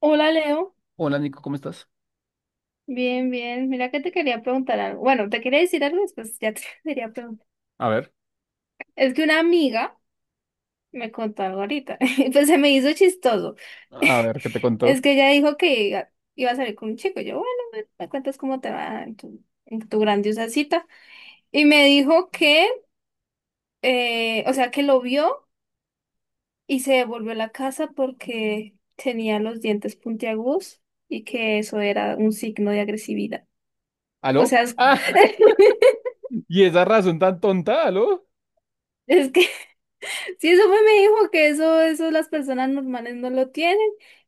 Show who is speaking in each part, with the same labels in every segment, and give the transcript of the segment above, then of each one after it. Speaker 1: Hola Leo,
Speaker 2: Hola Nico, ¿cómo estás?
Speaker 1: bien, bien. Mira que te quería preguntar algo. Bueno, te quería decir algo, después ya te quería preguntar.
Speaker 2: A ver,
Speaker 1: Es que una amiga me contó algo ahorita, y pues se me hizo chistoso.
Speaker 2: ¿qué te
Speaker 1: Es
Speaker 2: contó?
Speaker 1: que ella dijo que iba a salir con un chico. Yo, bueno, bueno, me cuentas cómo te va en tu grandiosa cita. Y me dijo que, o sea, que lo vio y se devolvió a la casa porque tenía los dientes puntiagudos y que eso era un signo de agresividad. O
Speaker 2: ¿Aló?
Speaker 1: sea, es,
Speaker 2: Ah, y esa razón tan tonta, ¿aló?
Speaker 1: es que sí, eso fue, me dijo que eso las personas normales no lo tienen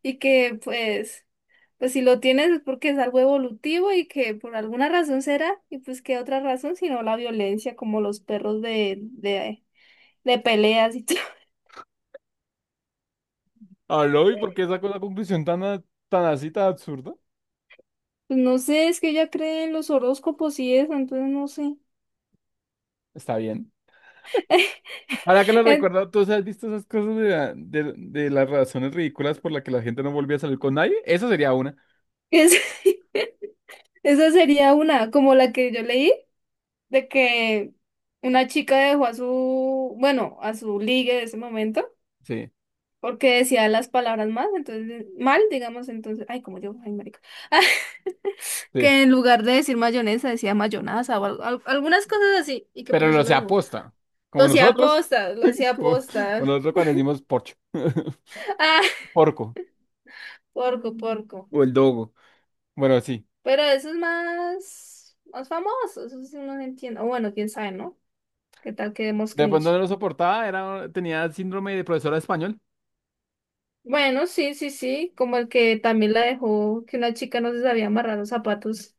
Speaker 1: y que pues, pues si lo tienes es porque es algo evolutivo y que por alguna razón será, y pues qué otra razón sino la violencia, como los perros de peleas y todo.
Speaker 2: ¿Aló? ¿Y por qué sacó la conclusión tan, tan así, tan absurda?
Speaker 1: Pues no sé, es que ella cree en los horóscopos y eso, entonces no sé.
Speaker 2: Está bien. Ahora que lo
Speaker 1: En-
Speaker 2: recuerdo, ¿tú has visto esas cosas de las razones ridículas por las que la gente no volvía a salir con nadie? Esa sería una.
Speaker 1: es- esa sería una, como la que yo leí, de que una chica dejó a su, bueno, a su ligue de ese momento.
Speaker 2: Sí,
Speaker 1: Porque decía las palabras más, entonces, mal, digamos, entonces, ay, como yo, ay, marica,
Speaker 2: sí.
Speaker 1: que en lugar de decir mayonesa decía mayonaza o algunas cosas así, y que
Speaker 2: Pero
Speaker 1: por eso
Speaker 2: lo
Speaker 1: lo
Speaker 2: se
Speaker 1: dejó.
Speaker 2: aposta.
Speaker 1: Lo
Speaker 2: Como
Speaker 1: hacía
Speaker 2: nosotros.
Speaker 1: aposta, lo hacía
Speaker 2: Como, como
Speaker 1: aposta.
Speaker 2: nosotros cuando decimos porcho.
Speaker 1: Ah,
Speaker 2: Porco.
Speaker 1: porco, porco.
Speaker 2: O el dogo. Bueno, sí.
Speaker 1: Pero eso es más, más famoso, eso sí no se entiende. O bueno, quién sabe, ¿no? ¿Qué tal que demos
Speaker 2: De pronto
Speaker 1: cringe?
Speaker 2: no lo soportaba, era, tenía síndrome de profesora de español.
Speaker 1: Bueno, sí, sí, sí, como el que también la dejó, que una chica no se sabía amarrar los zapatos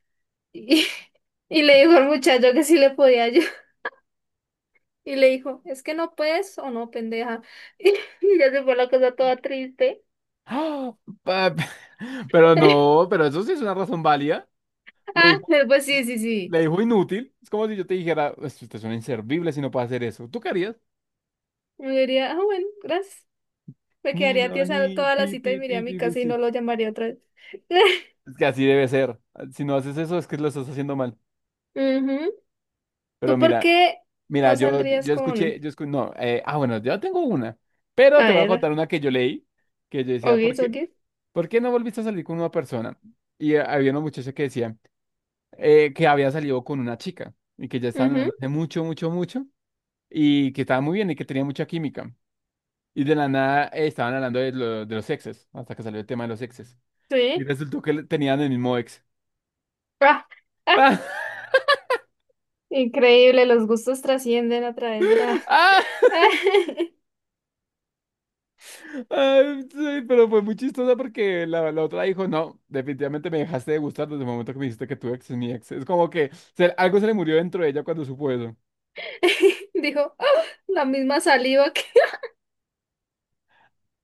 Speaker 1: y, y le dijo al muchacho que sí le podía ayudar. Y le dijo, es que no puedes o no, pendeja. Y ya se fue la cosa toda triste.
Speaker 2: ¡Ah! Pa- Pero no, pero eso sí es una razón válida. Le
Speaker 1: Ah,
Speaker 2: dijo,
Speaker 1: pues sí, sí, sí.
Speaker 2: le dijo inútil. Es como si yo te dijera, "Pues, usted es un inservible si no puede hacer eso". ¿Tú qué harías?
Speaker 1: Me diría, ah, bueno, gracias. Me
Speaker 2: Ni,
Speaker 1: quedaría
Speaker 2: no, ni,
Speaker 1: tiesa toda
Speaker 2: pi,
Speaker 1: la cita
Speaker 2: pi,
Speaker 1: y me iría a
Speaker 2: pi,
Speaker 1: mi
Speaker 2: pi, pi,
Speaker 1: casa y no
Speaker 2: sí.
Speaker 1: lo llamaría otra vez.
Speaker 2: Es que así debe ser. Si no haces eso, es que lo estás haciendo mal.
Speaker 1: Ujú.
Speaker 2: Pero
Speaker 1: ¿Tú por
Speaker 2: mira,
Speaker 1: qué
Speaker 2: mira,
Speaker 1: no
Speaker 2: yo,
Speaker 1: saldrías
Speaker 2: yo
Speaker 1: con...?
Speaker 2: escuché, yo escu- no, ah, bueno, yo tengo una. Pero
Speaker 1: A
Speaker 2: te voy a
Speaker 1: ver,
Speaker 2: contar una que yo leí, que yo decía,
Speaker 1: Ogis, Ogis.
Speaker 2: ¿por qué no volviste a salir con una persona? Y había una muchacha que decía, que había salido con una chica y que ya estaban
Speaker 1: Ujú,
Speaker 2: hablando hace mucho y que estaba muy bien y que tenía mucha química. Y de la nada estaban hablando de los exes, hasta que salió el tema de los exes. Y
Speaker 1: sí.
Speaker 2: resultó que tenían el mismo ex.
Speaker 1: Ah, ah,
Speaker 2: ¡Ah!
Speaker 1: increíble, los gustos trascienden a través de la...
Speaker 2: ¡Ah! Ay, sí, pero fue muy chistosa porque la otra dijo, no, definitivamente me dejaste de gustar desde el momento que me dijiste que tu ex es mi ex. Es como que algo se le murió dentro de ella cuando supo eso.
Speaker 1: Dijo, "Ah, la misma saliva que..."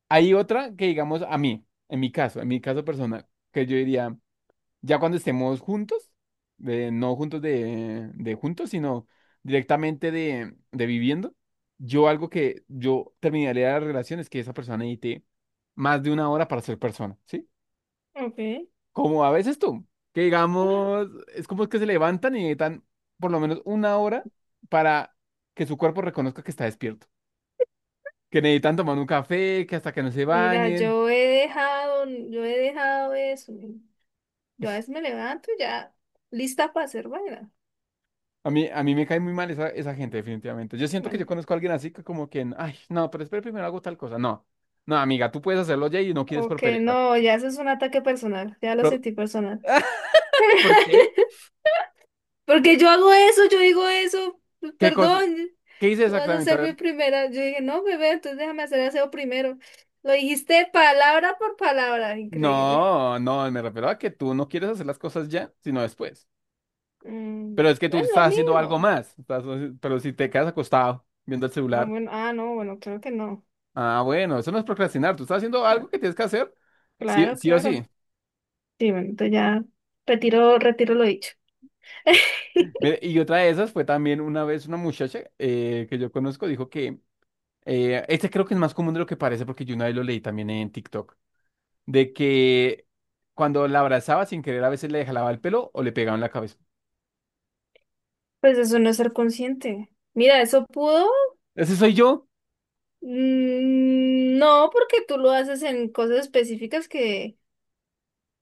Speaker 2: Hay otra que digamos a mí, en mi caso personal, que yo diría. Ya cuando estemos juntos, no juntos de juntos, sino directamente de viviendo, yo algo que yo terminaría la relación es que esa persona necesite más de una hora para ser persona, ¿sí? Como a veces tú, que
Speaker 1: Ok.
Speaker 2: digamos, es como que se levantan y necesitan por lo menos una hora para que su cuerpo reconozca que está despierto, que necesitan tomar un café, que hasta que no se
Speaker 1: Mira,
Speaker 2: bañen.
Speaker 1: yo he dejado eso. Yo a veces me levanto y ya lista para hacer vaina.
Speaker 2: A mí me cae muy mal esa, esa gente, definitivamente. Yo siento que yo
Speaker 1: Bueno,
Speaker 2: conozco a alguien así que como que, ay, no, pero espera, primero hago tal cosa. No, no, amiga, tú puedes hacerlo ya y no quieres por
Speaker 1: ok,
Speaker 2: pereza.
Speaker 1: no, ya eso es un ataque personal, ya lo
Speaker 2: Pero,
Speaker 1: sentí personal.
Speaker 2: ¿por qué?
Speaker 1: Porque yo hago eso, yo digo eso, pues,
Speaker 2: ¿Qué cosa?
Speaker 1: perdón,
Speaker 2: ¿Qué hice
Speaker 1: tú vas a
Speaker 2: exactamente? A
Speaker 1: ser mi
Speaker 2: ver.
Speaker 1: primera. Yo dije, no, bebé, entonces déjame hacer el aseo primero. Lo dijiste palabra por palabra, increíble.
Speaker 2: No, no, me refiero a que tú no quieres hacer las cosas ya, sino después.
Speaker 1: Mm,
Speaker 2: Pero
Speaker 1: bueno,
Speaker 2: es que tú
Speaker 1: es lo
Speaker 2: estás haciendo algo
Speaker 1: mismo.
Speaker 2: más. Estás, pero si te quedas acostado viendo el
Speaker 1: Ah,
Speaker 2: celular,
Speaker 1: bueno, ah, no, bueno, creo que no.
Speaker 2: ah, bueno, eso no es procrastinar. Tú estás haciendo
Speaker 1: Ah,
Speaker 2: algo que tienes que hacer, sí,
Speaker 1: claro,
Speaker 2: sí o
Speaker 1: claro.
Speaker 2: sí.
Speaker 1: Sí, bueno, entonces ya, retiro, retiro lo dicho.
Speaker 2: Mire, y otra de esas fue también una vez una muchacha que yo conozco dijo que este creo que es más común de lo que parece porque yo una vez lo leí también en TikTok, de que cuando la abrazaba sin querer a veces le jalaba el pelo o le pegaba en la cabeza.
Speaker 1: Pues eso no es ser consciente. Mira, eso pudo.
Speaker 2: Ese soy yo.
Speaker 1: Mm, no, porque tú lo haces en cosas específicas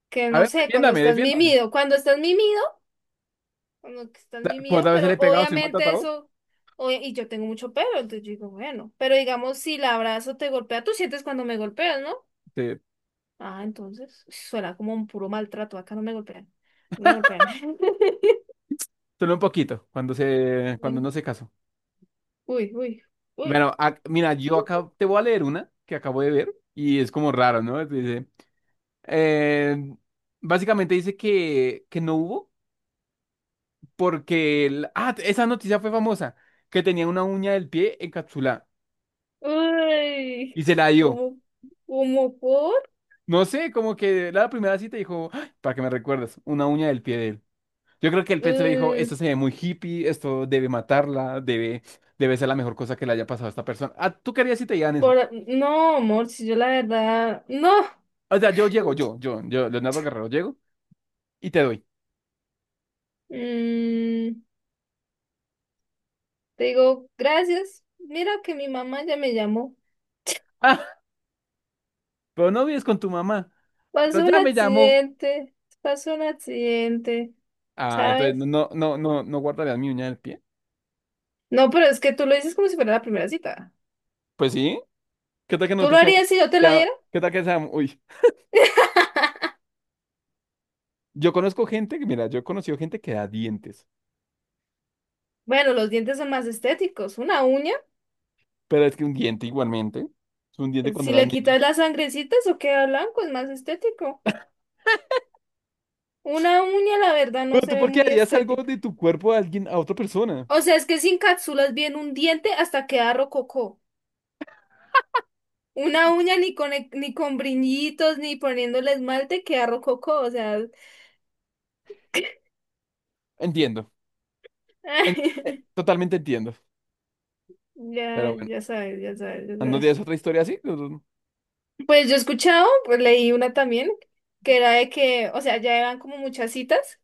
Speaker 1: que
Speaker 2: A
Speaker 1: no
Speaker 2: ver,
Speaker 1: sé,
Speaker 2: defiéndame, defiéndame. O
Speaker 1: cuando estás
Speaker 2: sea,
Speaker 1: mimido,
Speaker 2: ¿cuántas veces le
Speaker 1: pero
Speaker 2: he pegado? Soy
Speaker 1: obviamente
Speaker 2: maltratado.
Speaker 1: eso, oye, y yo tengo mucho pelo, entonces yo digo, bueno, pero digamos, si el abrazo te golpea, tú sientes cuando me golpeas, ¿no?
Speaker 2: Sí,
Speaker 1: Ah, entonces, suena como un puro maltrato, acá no me golpean, no me golpean.
Speaker 2: solo un poquito, cuando se, cuando no se casó.
Speaker 1: Uy, uy, uy.
Speaker 2: Bueno, mira, yo acá te voy a leer una que acabo de ver y es como raro, ¿no? Dice, eh, básicamente dice que no hubo. Porque esa noticia fue famosa, que tenía una uña del pie encapsulada
Speaker 1: Uy,
Speaker 2: y se la dio.
Speaker 1: ¿cómo, cómo por?
Speaker 2: No sé, como que la primera cita dijo, "Ay, para que me recuerdes, una uña del pie de él". Yo creo que el pez le dijo,
Speaker 1: Eh,
Speaker 2: esto se ve muy hippie, esto debe matarla, debe, debe ser la mejor cosa que le haya pasado a esta persona. Ah, ¿tú querías si te digan eso?
Speaker 1: ¿Por? No, amor, si yo la verdad, no.
Speaker 2: O sea, yo llego, yo, Leonardo Guerrero, llego y te doy.
Speaker 1: Mm, te digo, gracias. Mira que mi mamá ya me llamó.
Speaker 2: Ah, pero no vives con tu mamá, pero
Speaker 1: Pasó un
Speaker 2: ya me llamó.
Speaker 1: accidente, pasó un accidente,
Speaker 2: Ah, entonces
Speaker 1: ¿sabes?
Speaker 2: no, no guardarías mi uña del pie.
Speaker 1: No, pero es que tú lo dices como si fuera la primera cita.
Speaker 2: Pues sí. ¿Qué tal que
Speaker 1: ¿Tú lo
Speaker 2: nosotros seamos?
Speaker 1: harías si yo te la
Speaker 2: Ya,
Speaker 1: diera?
Speaker 2: ¿qué tal que seamos? Uy, yo conozco gente que, mira, yo he conocido gente que da dientes,
Speaker 1: Bueno, los dientes son más estéticos. Una uña,
Speaker 2: pero es que un diente igualmente, es un diente cuando
Speaker 1: si
Speaker 2: eras
Speaker 1: le
Speaker 2: niño.
Speaker 1: quitas las sangrecitas o queda blanco, es más estético. Una uña, la verdad, no
Speaker 2: Pero
Speaker 1: se
Speaker 2: tú,
Speaker 1: ve
Speaker 2: ¿por qué
Speaker 1: muy
Speaker 2: harías algo
Speaker 1: estética.
Speaker 2: de tu cuerpo a alguien, a otra persona?
Speaker 1: O sea, es que sin cápsulas bien un diente hasta queda rococó. Una uña ni con, ni con brillitos, ni poniéndole esmalte, queda rococó. O sea,
Speaker 2: Entiendo, totalmente entiendo,
Speaker 1: ya,
Speaker 2: pero bueno,
Speaker 1: ya sabes, ya sabes, ya
Speaker 2: ¿no
Speaker 1: sabes.
Speaker 2: tienes otra historia así?
Speaker 1: Pues yo he escuchado, pues leí una también, que era de que, o sea, ya iban como muchas citas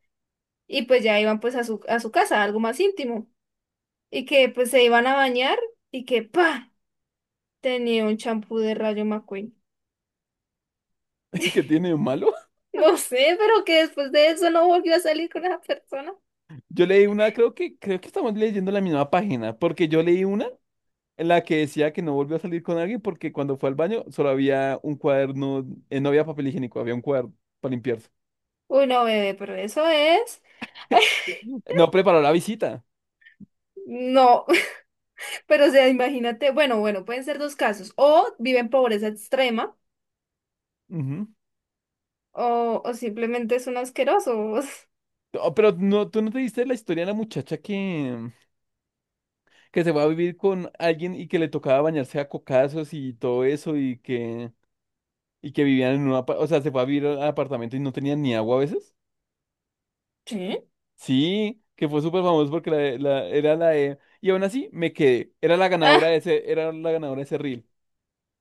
Speaker 1: y pues ya iban pues a a su casa, algo más íntimo. Y que pues se iban a bañar y que, pa, tenía un champú de Rayo McQueen.
Speaker 2: ¿Qué tiene de malo?
Speaker 1: No sé, pero que después de eso no volvió a salir con esa persona.
Speaker 2: Yo leí una, creo que estamos leyendo la misma página, porque yo leí una en la que decía que no volvió a salir con alguien porque cuando fue al baño solo había un cuaderno, no había papel higiénico, había un cuaderno para limpiarse.
Speaker 1: Uy, no, bebé, pero eso es.
Speaker 2: No preparó la visita.
Speaker 1: No, pero o sea, imagínate, bueno, bueno, pueden ser dos casos. O vive en pobreza extrema,
Speaker 2: Ujú.
Speaker 1: o simplemente es un asqueroso.
Speaker 2: Oh, pero no, tú no te diste la historia de la muchacha que se va a vivir con alguien y que le tocaba bañarse a cocazos y todo eso y que vivían en un o sea, se fue a vivir al apartamento y no tenían ni agua a veces.
Speaker 1: Sí.
Speaker 2: Sí, que fue súper famoso porque era la de, y aún así me quedé, era la ganadora
Speaker 1: Ah,
Speaker 2: de ese, era la ganadora de ese reel,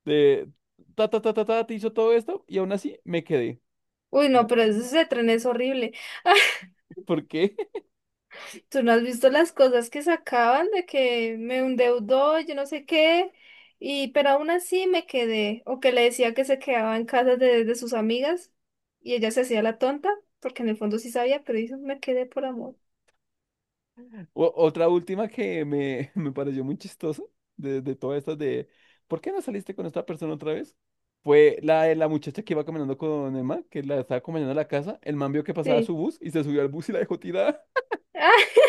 Speaker 2: de ta ta ta ta ta, te hizo todo esto y aún así me quedé.
Speaker 1: uy, no, pero ese tren es horrible.
Speaker 2: ¿Por qué?
Speaker 1: Tú no has visto las cosas que sacaban de que me endeudó, yo no sé qué, y pero aún así me quedé, o que le decía que se quedaba en casa de sus amigas y ella se hacía la tonta, porque en el fondo sí sabía, pero dijo, me quedé por amor.
Speaker 2: Otra última que me, me pareció muy chistosa de todas estas de ¿por qué no saliste con esta persona otra vez? Fue la de la muchacha que iba caminando con el man, que la estaba acompañando a la casa. El man vio que pasaba su
Speaker 1: Sí.
Speaker 2: bus y se subió al bus y la dejó tirada.
Speaker 1: Ah,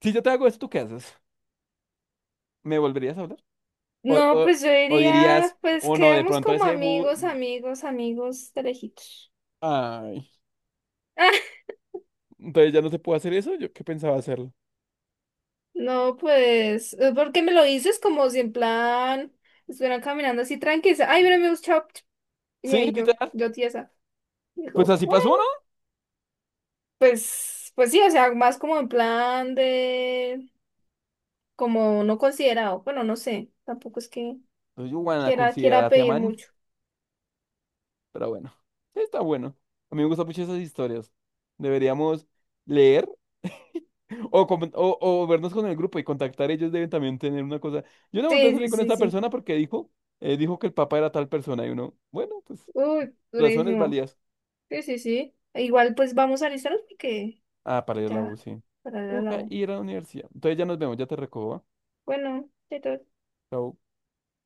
Speaker 2: Si yo te hago esto, ¿tú qué haces? ¿Me volverías a hablar? O,
Speaker 1: no,
Speaker 2: o,
Speaker 1: pues yo
Speaker 2: o dirías,
Speaker 1: diría, pues
Speaker 2: o no, de
Speaker 1: quedamos
Speaker 2: pronto
Speaker 1: como
Speaker 2: ese bus.
Speaker 1: amigos, amigos, amigos de lejitos.
Speaker 2: Ay,
Speaker 1: Ah,
Speaker 2: entonces ya no se puede hacer eso. Yo qué pensaba hacerlo.
Speaker 1: no, pues, porque me lo dices como si en plan estuvieran caminando así tranquilos, ay, mira, me chao. Y
Speaker 2: Sí,
Speaker 1: ahí yo,
Speaker 2: literal.
Speaker 1: yo tiesa.
Speaker 2: Pues
Speaker 1: Dijo,
Speaker 2: así
Speaker 1: bueno,
Speaker 2: pasó, ¿no?
Speaker 1: pues, pues sí, o sea, más como en plan de, como no considerado, bueno, no sé, tampoco es que
Speaker 2: Entonces, yo, bueno,
Speaker 1: quiera
Speaker 2: considérate,
Speaker 1: pedir
Speaker 2: man.
Speaker 1: mucho.
Speaker 2: Pero bueno, está bueno. A mí me gustan mucho esas historias. Deberíamos leer o, o vernos con el grupo y contactar. Ellos deben también tener una cosa. Yo no volví a
Speaker 1: Sí, sí,
Speaker 2: salir con
Speaker 1: sí,
Speaker 2: esta
Speaker 1: sí.
Speaker 2: persona porque dijo, dijo que el papá era tal persona. Y uno, bueno, pues
Speaker 1: Uy,
Speaker 2: razones
Speaker 1: durísimo.
Speaker 2: válidas.
Speaker 1: Sí, sí, sí. Igual pues vamos a alistarnos porque
Speaker 2: Ah, para ir a la U,
Speaker 1: ya,
Speaker 2: sí.
Speaker 1: para
Speaker 2: Ok,
Speaker 1: la U.
Speaker 2: ir a la universidad. Entonces ya nos vemos, ya te recojo. ¿Va?
Speaker 1: Bueno, chao, chao.
Speaker 2: Chao.